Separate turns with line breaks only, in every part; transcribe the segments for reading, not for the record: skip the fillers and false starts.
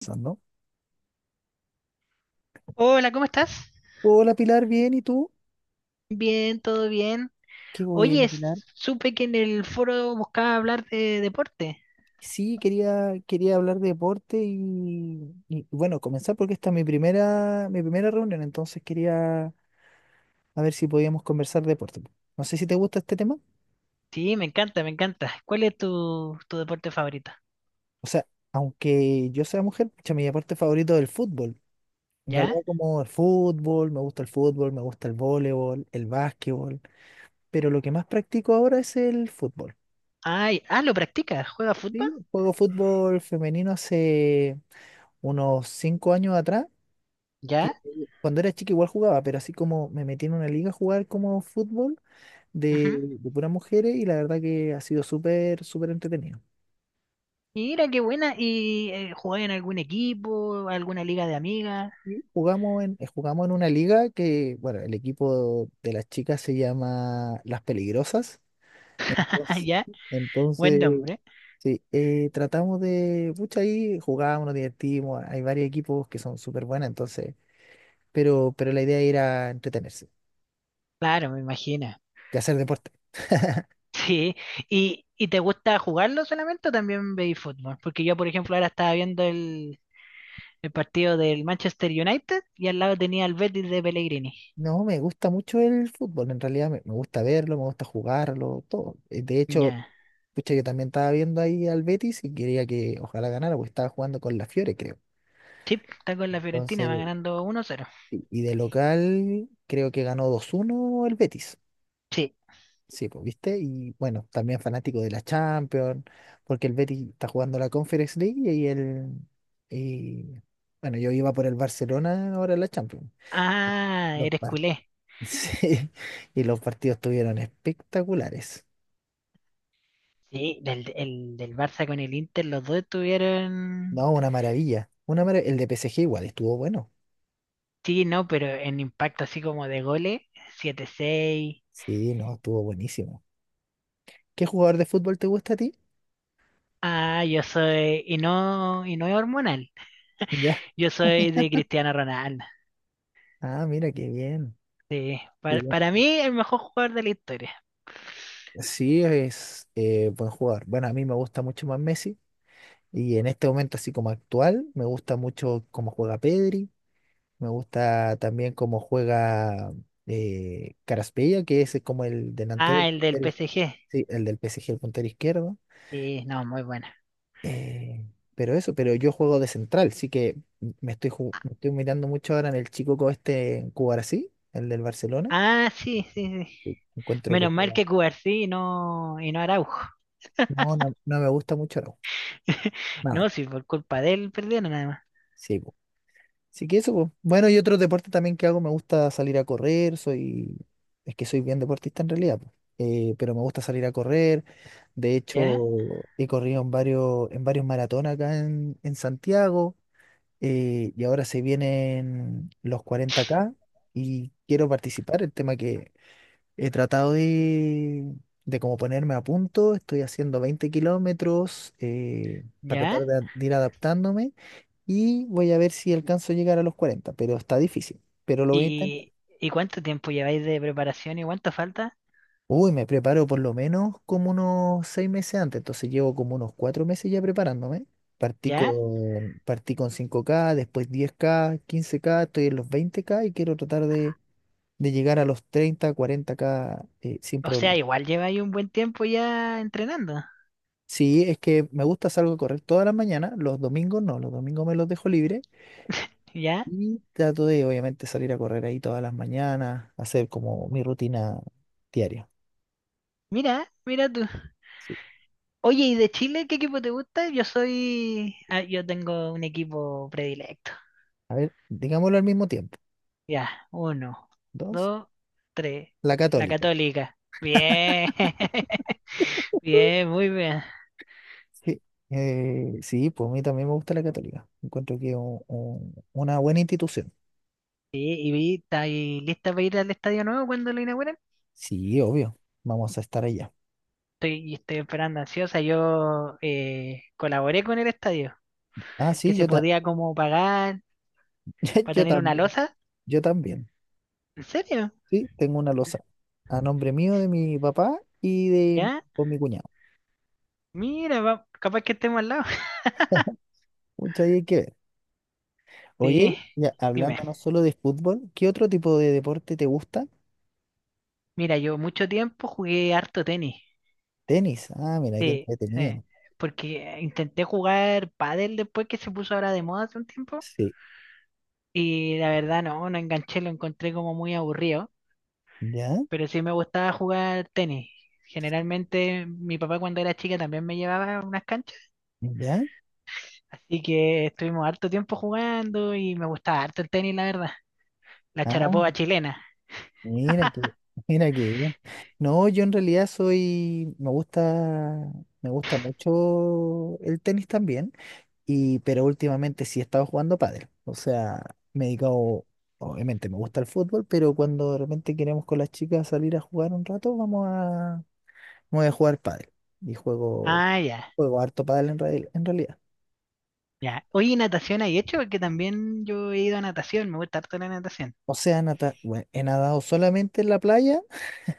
Pensando.
Hola, ¿cómo estás?
Hola Pilar, bien, ¿y tú?
Bien, todo bien.
Qué
Oye,
bueno, Pilar.
supe que en el foro buscaba hablar de deporte.
Sí, quería hablar de deporte y bueno, comenzar porque esta es mi primera reunión, entonces quería a ver si podíamos conversar de deporte. No sé si te gusta este tema.
Sí, me encanta, me encanta. ¿Cuál es tu deporte favorito?
O sea, aunque yo sea mujer, pucha, mi deporte favorito es el fútbol. En
¿Ya?
realidad como el fútbol, me gusta el fútbol, me gusta el voleibol, el básquetbol, pero lo que más practico ahora es el fútbol.
Ay, ah, ¿lo practicas? ¿Juega fútbol?
Sí, juego fútbol femenino hace unos 5 años atrás que
¿Ya?
cuando era chica igual jugaba, pero así como me metí en una liga a jugar como fútbol
Ujú.
de puras mujeres y la verdad que ha sido súper, súper entretenido.
Mira, qué buena. ¿Y jugás en algún equipo, alguna liga de amigas?
Y jugamos en una liga que, bueno, el equipo de las chicas se llama Las Peligrosas. Entonces,
¿Ya? Buen
entonces,
nombre.
sí, tratamos de, pucha, ahí jugábamos, nos divertimos, hay varios equipos que son súper buenos, entonces, pero la idea era entretenerse
Claro, me imagino.
y hacer deporte.
Sí. ¿Y te gusta jugarlo solamente o también veis fútbol? Porque yo, por ejemplo, ahora estaba viendo el partido del Manchester United y al lado tenía el Betis de Pellegrini.
No, me gusta mucho el fútbol, en realidad me gusta verlo, me gusta jugarlo, todo. De hecho,
Ya.
pucha, yo también estaba viendo ahí al Betis y quería que ojalá ganara, porque estaba jugando con la Fiore, creo.
Sí, está con la Fiorentina, va
Entonces,
ganando 1-0.
y de local, creo que ganó 2-1 el Betis.
Sí.
Sí, pues, ¿viste? Y bueno, también fanático de la Champions, porque el Betis está jugando la Conference League y el... Y bueno, yo iba por el Barcelona, ahora la Champions.
Ah,
Los,
eres
pa-
culé.
Sí, y los partidos estuvieron espectaculares.
Sí, del Barça con el Inter, los dos estuvieron.
No, una maravilla. El de P S G igual estuvo bueno.
Sí, no, pero en impacto así como de goles, 7-6.
Sí, no, estuvo buenísimo. ¿Qué jugador de fútbol te gusta a ti?
Ah, yo soy. Y no es hormonal.
Ya.
Yo soy de Cristiano Ronaldo.
Ah, mira, qué bien.
Sí.
Qué
Para,
bien.
para mí, el mejor jugador de la historia.
Sí, es buen jugador. Bueno, a mí me gusta mucho más Messi. Y en este momento, así como actual, me gusta mucho cómo juega Pedri. Me gusta también cómo juega Kvaratskhelia, que ese es como el delantero, el
Ah, el del PSG.
Sí, el del P S G, el puntero izquierdo.
Sí, no, muy bueno.
Eh, pero eso, pero yo juego de central, sí que me estoy mirando mucho ahora en el chico, este Cubarsí, el del Barcelona.
Ah, sí, sí, sí.
Sí. Encuentro que
Menos mal
juega.
que Cubarsí y no Araujo.
No, no, no me gusta mucho, no. Nada.
No, sí, por culpa de él perdieron nada más.
Sí, po. Así que eso, po. Bueno, y otro deporte también que hago, me gusta salir a correr, es que soy bien deportista en realidad, po. Pero me gusta salir a correr. De
¿Ya?
hecho, he corrido en varios maratones acá en Santiago. Y ahora se vienen los 40K y quiero participar. El tema que he tratado de como ponerme a punto, estoy haciendo 20 kilómetros, para tratar
¿Ya?
de ir adaptándome y voy a ver si alcanzo a llegar a los 40, pero está difícil, pero lo voy a intentar.
¿Y, y cuánto tiempo lleváis de preparación y cuánto falta?
Uy, me preparo por lo menos como unos 6 meses antes, entonces llevo como unos 4 meses ya preparándome. Partí
¿Ya?
con, partí con 5K, después 10K, 15K, estoy en los 20K y quiero tratar de llegar a los treinta cuarenta k, sin
O sea,
problema.
igual lleváis un buen tiempo ya entrenando.
Sí, es que me gusta salir a correr todas las mañanas, los domingos no, los domingos me los dejo libre
¿Ya?
y trato de obviamente salir a correr ahí todas las mañanas, hacer como mi rutina diaria.
Mira, mira tú.
Sí.
Oye, ¿y de Chile qué equipo te gusta? Yo soy... Ah, yo tengo un equipo predilecto.
A ver, digámoslo al mismo tiempo.
Ya, uno,
Dos,
dos, tres.
La
La
Católica.
católica. Bien. Bien, muy bien.
Sí, sí, pues a mí también me gusta La Católica. Encuentro que es una buena institución.
Sí, y vi, ¿está ahí lista para ir al estadio nuevo cuando lo inauguren?
Sí, obvio, vamos a estar allá.
Estoy esperando ansiosa. Yo colaboré con el estadio,
Ah,
que
sí,
se podía como pagar para
yo
tener una
también,
losa.
yo también.
¿En serio?
Sí, tengo una losa a nombre mío, de mi papá y de
¿Ya?
con mi cuñado.
Mira, capaz que estemos al lado.
Mucha hay que ver.
Sí,
Oye, ya
dime.
hablando no solo de fútbol, ¿qué otro tipo de deporte te gusta?
Mira, yo mucho tiempo jugué harto tenis.
Tenis. Ah, mira, qué
Sí, sí,
entretenido.
porque intenté jugar pádel después que se puso ahora de moda hace un tiempo
Sí.
y la verdad no, no enganché, lo encontré como muy aburrido,
¿Ya?
pero sí me gustaba jugar tenis. Generalmente mi papá cuando era chica también me llevaba a unas canchas,
¿Ya?
así que estuvimos harto tiempo jugando y me gustaba harto el tenis, la verdad. La charapoba
Ah,
chilena.
mira que, mira qué bien. No, yo en realidad me gusta mucho el tenis también. Y, pero últimamente sí he estado jugando pádel. O sea, me he dedicado, obviamente me gusta el fútbol, pero cuando de repente queremos con las chicas salir a jugar un rato, vamos a jugar pádel. Y juego,
Ah, ya,
juego harto pádel en realidad.
ya. Oye, ¿y natación hay hecho? Porque también yo he ido a natación, me gusta harto la natación.
O sea, bueno, he nadado solamente en la playa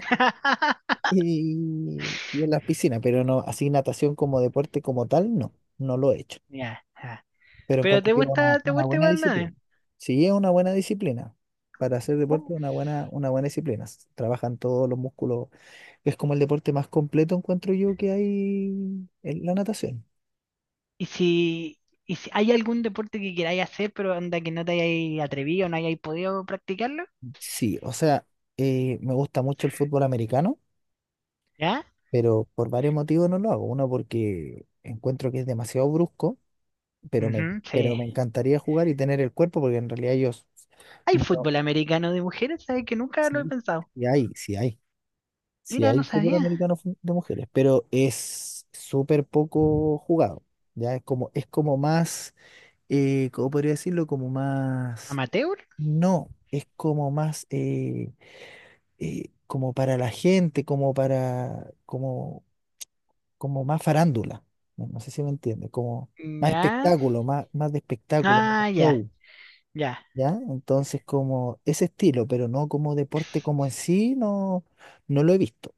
y en las piscinas, pero no, así natación como deporte como tal, no, no lo he hecho.
Ya, ya.
Pero
Pero
encuentro que es una,
te
una
gusta
buena
igual
disciplina.
nada.
Sí, es una buena disciplina. Para hacer deporte, es una buena disciplina. Trabajan todos los músculos. Es como el deporte más completo, encuentro yo, que hay en la natación.
Y si, y si hay algún deporte que queráis hacer, pero anda que no te hayáis atrevido, no hayáis podido practicarlo,
Sí, o sea, me gusta mucho el fútbol americano,
¿ya?
pero por varios motivos no lo hago. Uno, porque encuentro que es demasiado brusco, pero me,
Ujú,
pero
sí.
me encantaría jugar y tener el cuerpo, porque en realidad yo...
¿Hay
no-
fútbol americano de mujeres? ¿Sabes que nunca lo he
sí,
pensado?
sí hay, sí hay. Sí
Mira, no
hay fútbol
sabía.
americano de mujeres, pero es súper poco jugado. Ya es como más, ¿cómo podría decirlo? Como más,
¿Amateur?
no, es como más, como para la gente, como más farándula. No, no sé si me entiende, como más
Ya.
espectáculo, más de espectáculo, más de
Ah, ya,
show.
ya,
¿Ya? Entonces, como ese estilo, pero no como deporte como en sí, no, no lo he visto.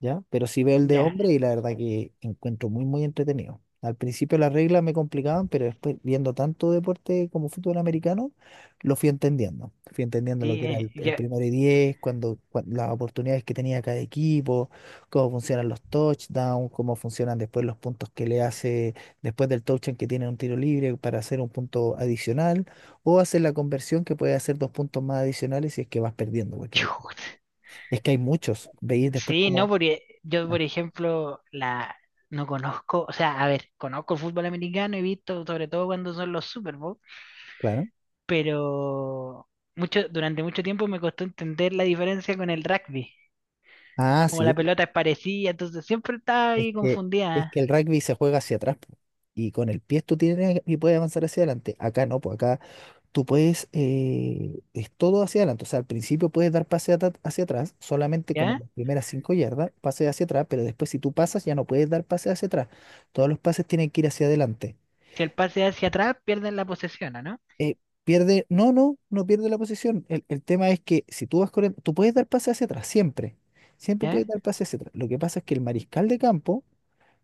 ¿Ya? Pero sí veo el de
ya.
hombre y la verdad que encuentro muy, muy entretenido. Al principio las reglas me complicaban, pero después viendo tanto deporte como fútbol americano, lo fui entendiendo. Fui entendiendo lo
Sí,
que era el
ya.
primero y diez, cuando las oportunidades que tenía cada equipo, cómo funcionan los touchdowns, cómo funcionan después los puntos que le hace después del touchdown, que tiene un tiro libre para hacer un punto adicional, o hacer la conversión, que puede hacer 2 puntos más adicionales si es que vas perdiendo, porque
Chut.
es que hay muchos. Veis después
Sí, no,
como...
porque yo, por ejemplo, la no conozco, o sea, a ver, conozco el fútbol americano, he visto sobre todo cuando son los Super Bowl,
Claro.
pero mucho, durante mucho tiempo me costó entender la diferencia con el rugby.
Ah,
Como
sí,
la
po.
pelota es parecida, entonces siempre estaba
es
ahí
que, es
confundida,
que el rugby se juega hacia atrás, po. Y con el pie tú tienes y puedes avanzar hacia adelante. Acá no, pues acá tú puedes, es todo hacia adelante. O sea, al principio puedes dar pase hacia atrás, solamente como
¿ya?
las primeras 5 yardas, pase hacia atrás, pero después si tú pasas ya no puedes dar pase hacia atrás. Todos los pases tienen que ir hacia adelante.
Si el pase hacia atrás, pierden la posesión, ¿o no?
Eh, no, no, no pierde la posición. El tema es que si tú vas corriendo, tú puedes dar pase hacia atrás, siempre. Siempre puedes
¿Ya?
dar pase hacia atrás. Lo que pasa es que el mariscal de campo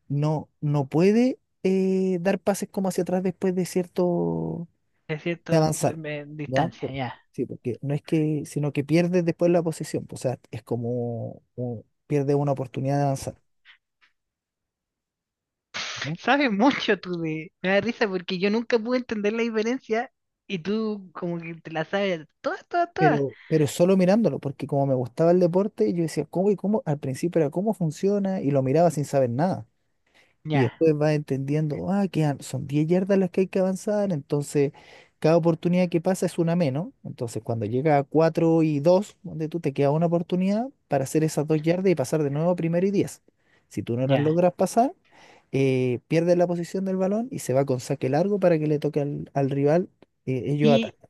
no, no puede, dar pases como hacia atrás después de cierto,
De
de
cierta
avanzar, ¿ya?
distancia, ya.
Sí, porque no es que, sino que pierde después la posesión, o sea, es como pierde una oportunidad de avanzar, ¿no?
Sabes mucho tú de... Me da risa porque yo nunca pude entender la diferencia y tú como que te la sabes todas, todas, todas.
Pero solo mirándolo, porque como me gustaba el deporte, yo decía, ¿cómo y cómo? Al principio era cómo funciona y lo miraba sin saber nada. Y
Ya,
después vas entendiendo, ah, que son 10 yardas las que hay que avanzar, entonces cada oportunidad que pasa es una menos. Entonces cuando llega a 4 y dos, donde tú te queda una oportunidad para hacer esas 2 yardas y pasar de nuevo a primero y diez. Si tú no las
ya.
logras pasar, pierdes la posición del balón y se va con saque largo para que le toque al rival, ellos
Y,
atacan.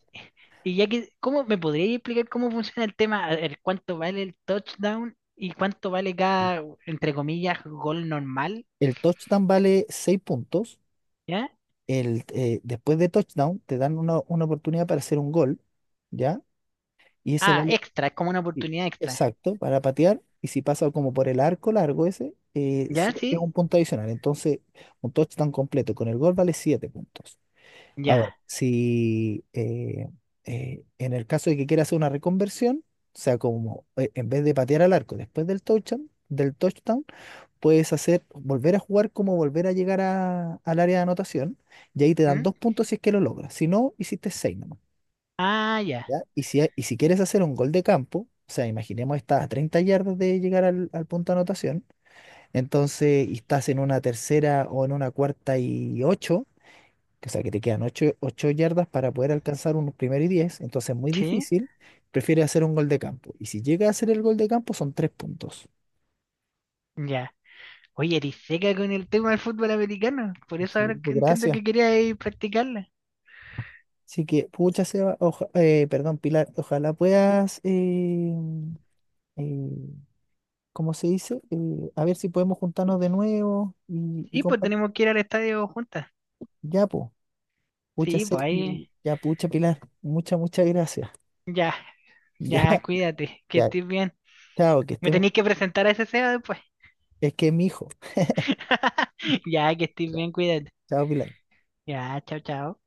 y ya que, ¿cómo me podrías explicar cómo funciona el tema? A ver, ¿cuánto vale el touchdown y cuánto vale cada, entre comillas, gol normal?
El touchdown vale 6 puntos.
¿Ya?
Después de touchdown te dan una oportunidad para hacer un gol, ¿ya? Y ese
Ah,
vale.
extra, es como una
Sí.
oportunidad extra.
Exacto, para patear. Y si pasa como por el arco largo ese,
¿Ya?
es
¿Sí?
un punto adicional. Entonces, un touchdown completo con el gol vale 7 puntos. Ahora,
Ya.
si en el caso de que quiera hacer una reconversión, o sea, como, en vez de patear al arco después del touchdown, volver a jugar, como volver a llegar al área de anotación, y ahí te dan
¿Mm?
2 puntos si es que lo logras. Si no, hiciste seis.
Ah, ya.
¿Ya? Y si, si quieres hacer un gol de campo, o sea, imaginemos estás a 30 yardas de llegar al punto de anotación, entonces y estás en una tercera o en una cuarta y ocho, que, o sea, que te quedan ocho yardas para poder alcanzar un primero y diez, entonces es muy
¿Sí?
difícil, prefieres hacer un gol de campo. Y si llegas a hacer el gol de campo son 3 puntos.
Ya. Oye, eres seca con el tema del fútbol americano. Por eso
Sí,
ahora que
pues
entiendo
gracias.
que querías ir practicarla.
Así que, pucha, Seba, perdón, Pilar, ojalá puedas, eh, como se dice, a ver si podemos juntarnos de nuevo y, y
Sí, pues
compa-
tenemos que ir al estadio juntas.
Ya, pues, mucha
Sí, pues ahí.
ya, pucha, Pilar, muchas, muchas gracias.
Ya,
Ya,
ya, cuídate, que
ya,
estés bien.
chao, que
Me
estemos,
tenéis que presentar a ese SEA después.
es que es mi hijo.
Ya, que estés
Ya,
bien, cuídate.
chao, Pilar.
Ya, chao, chao.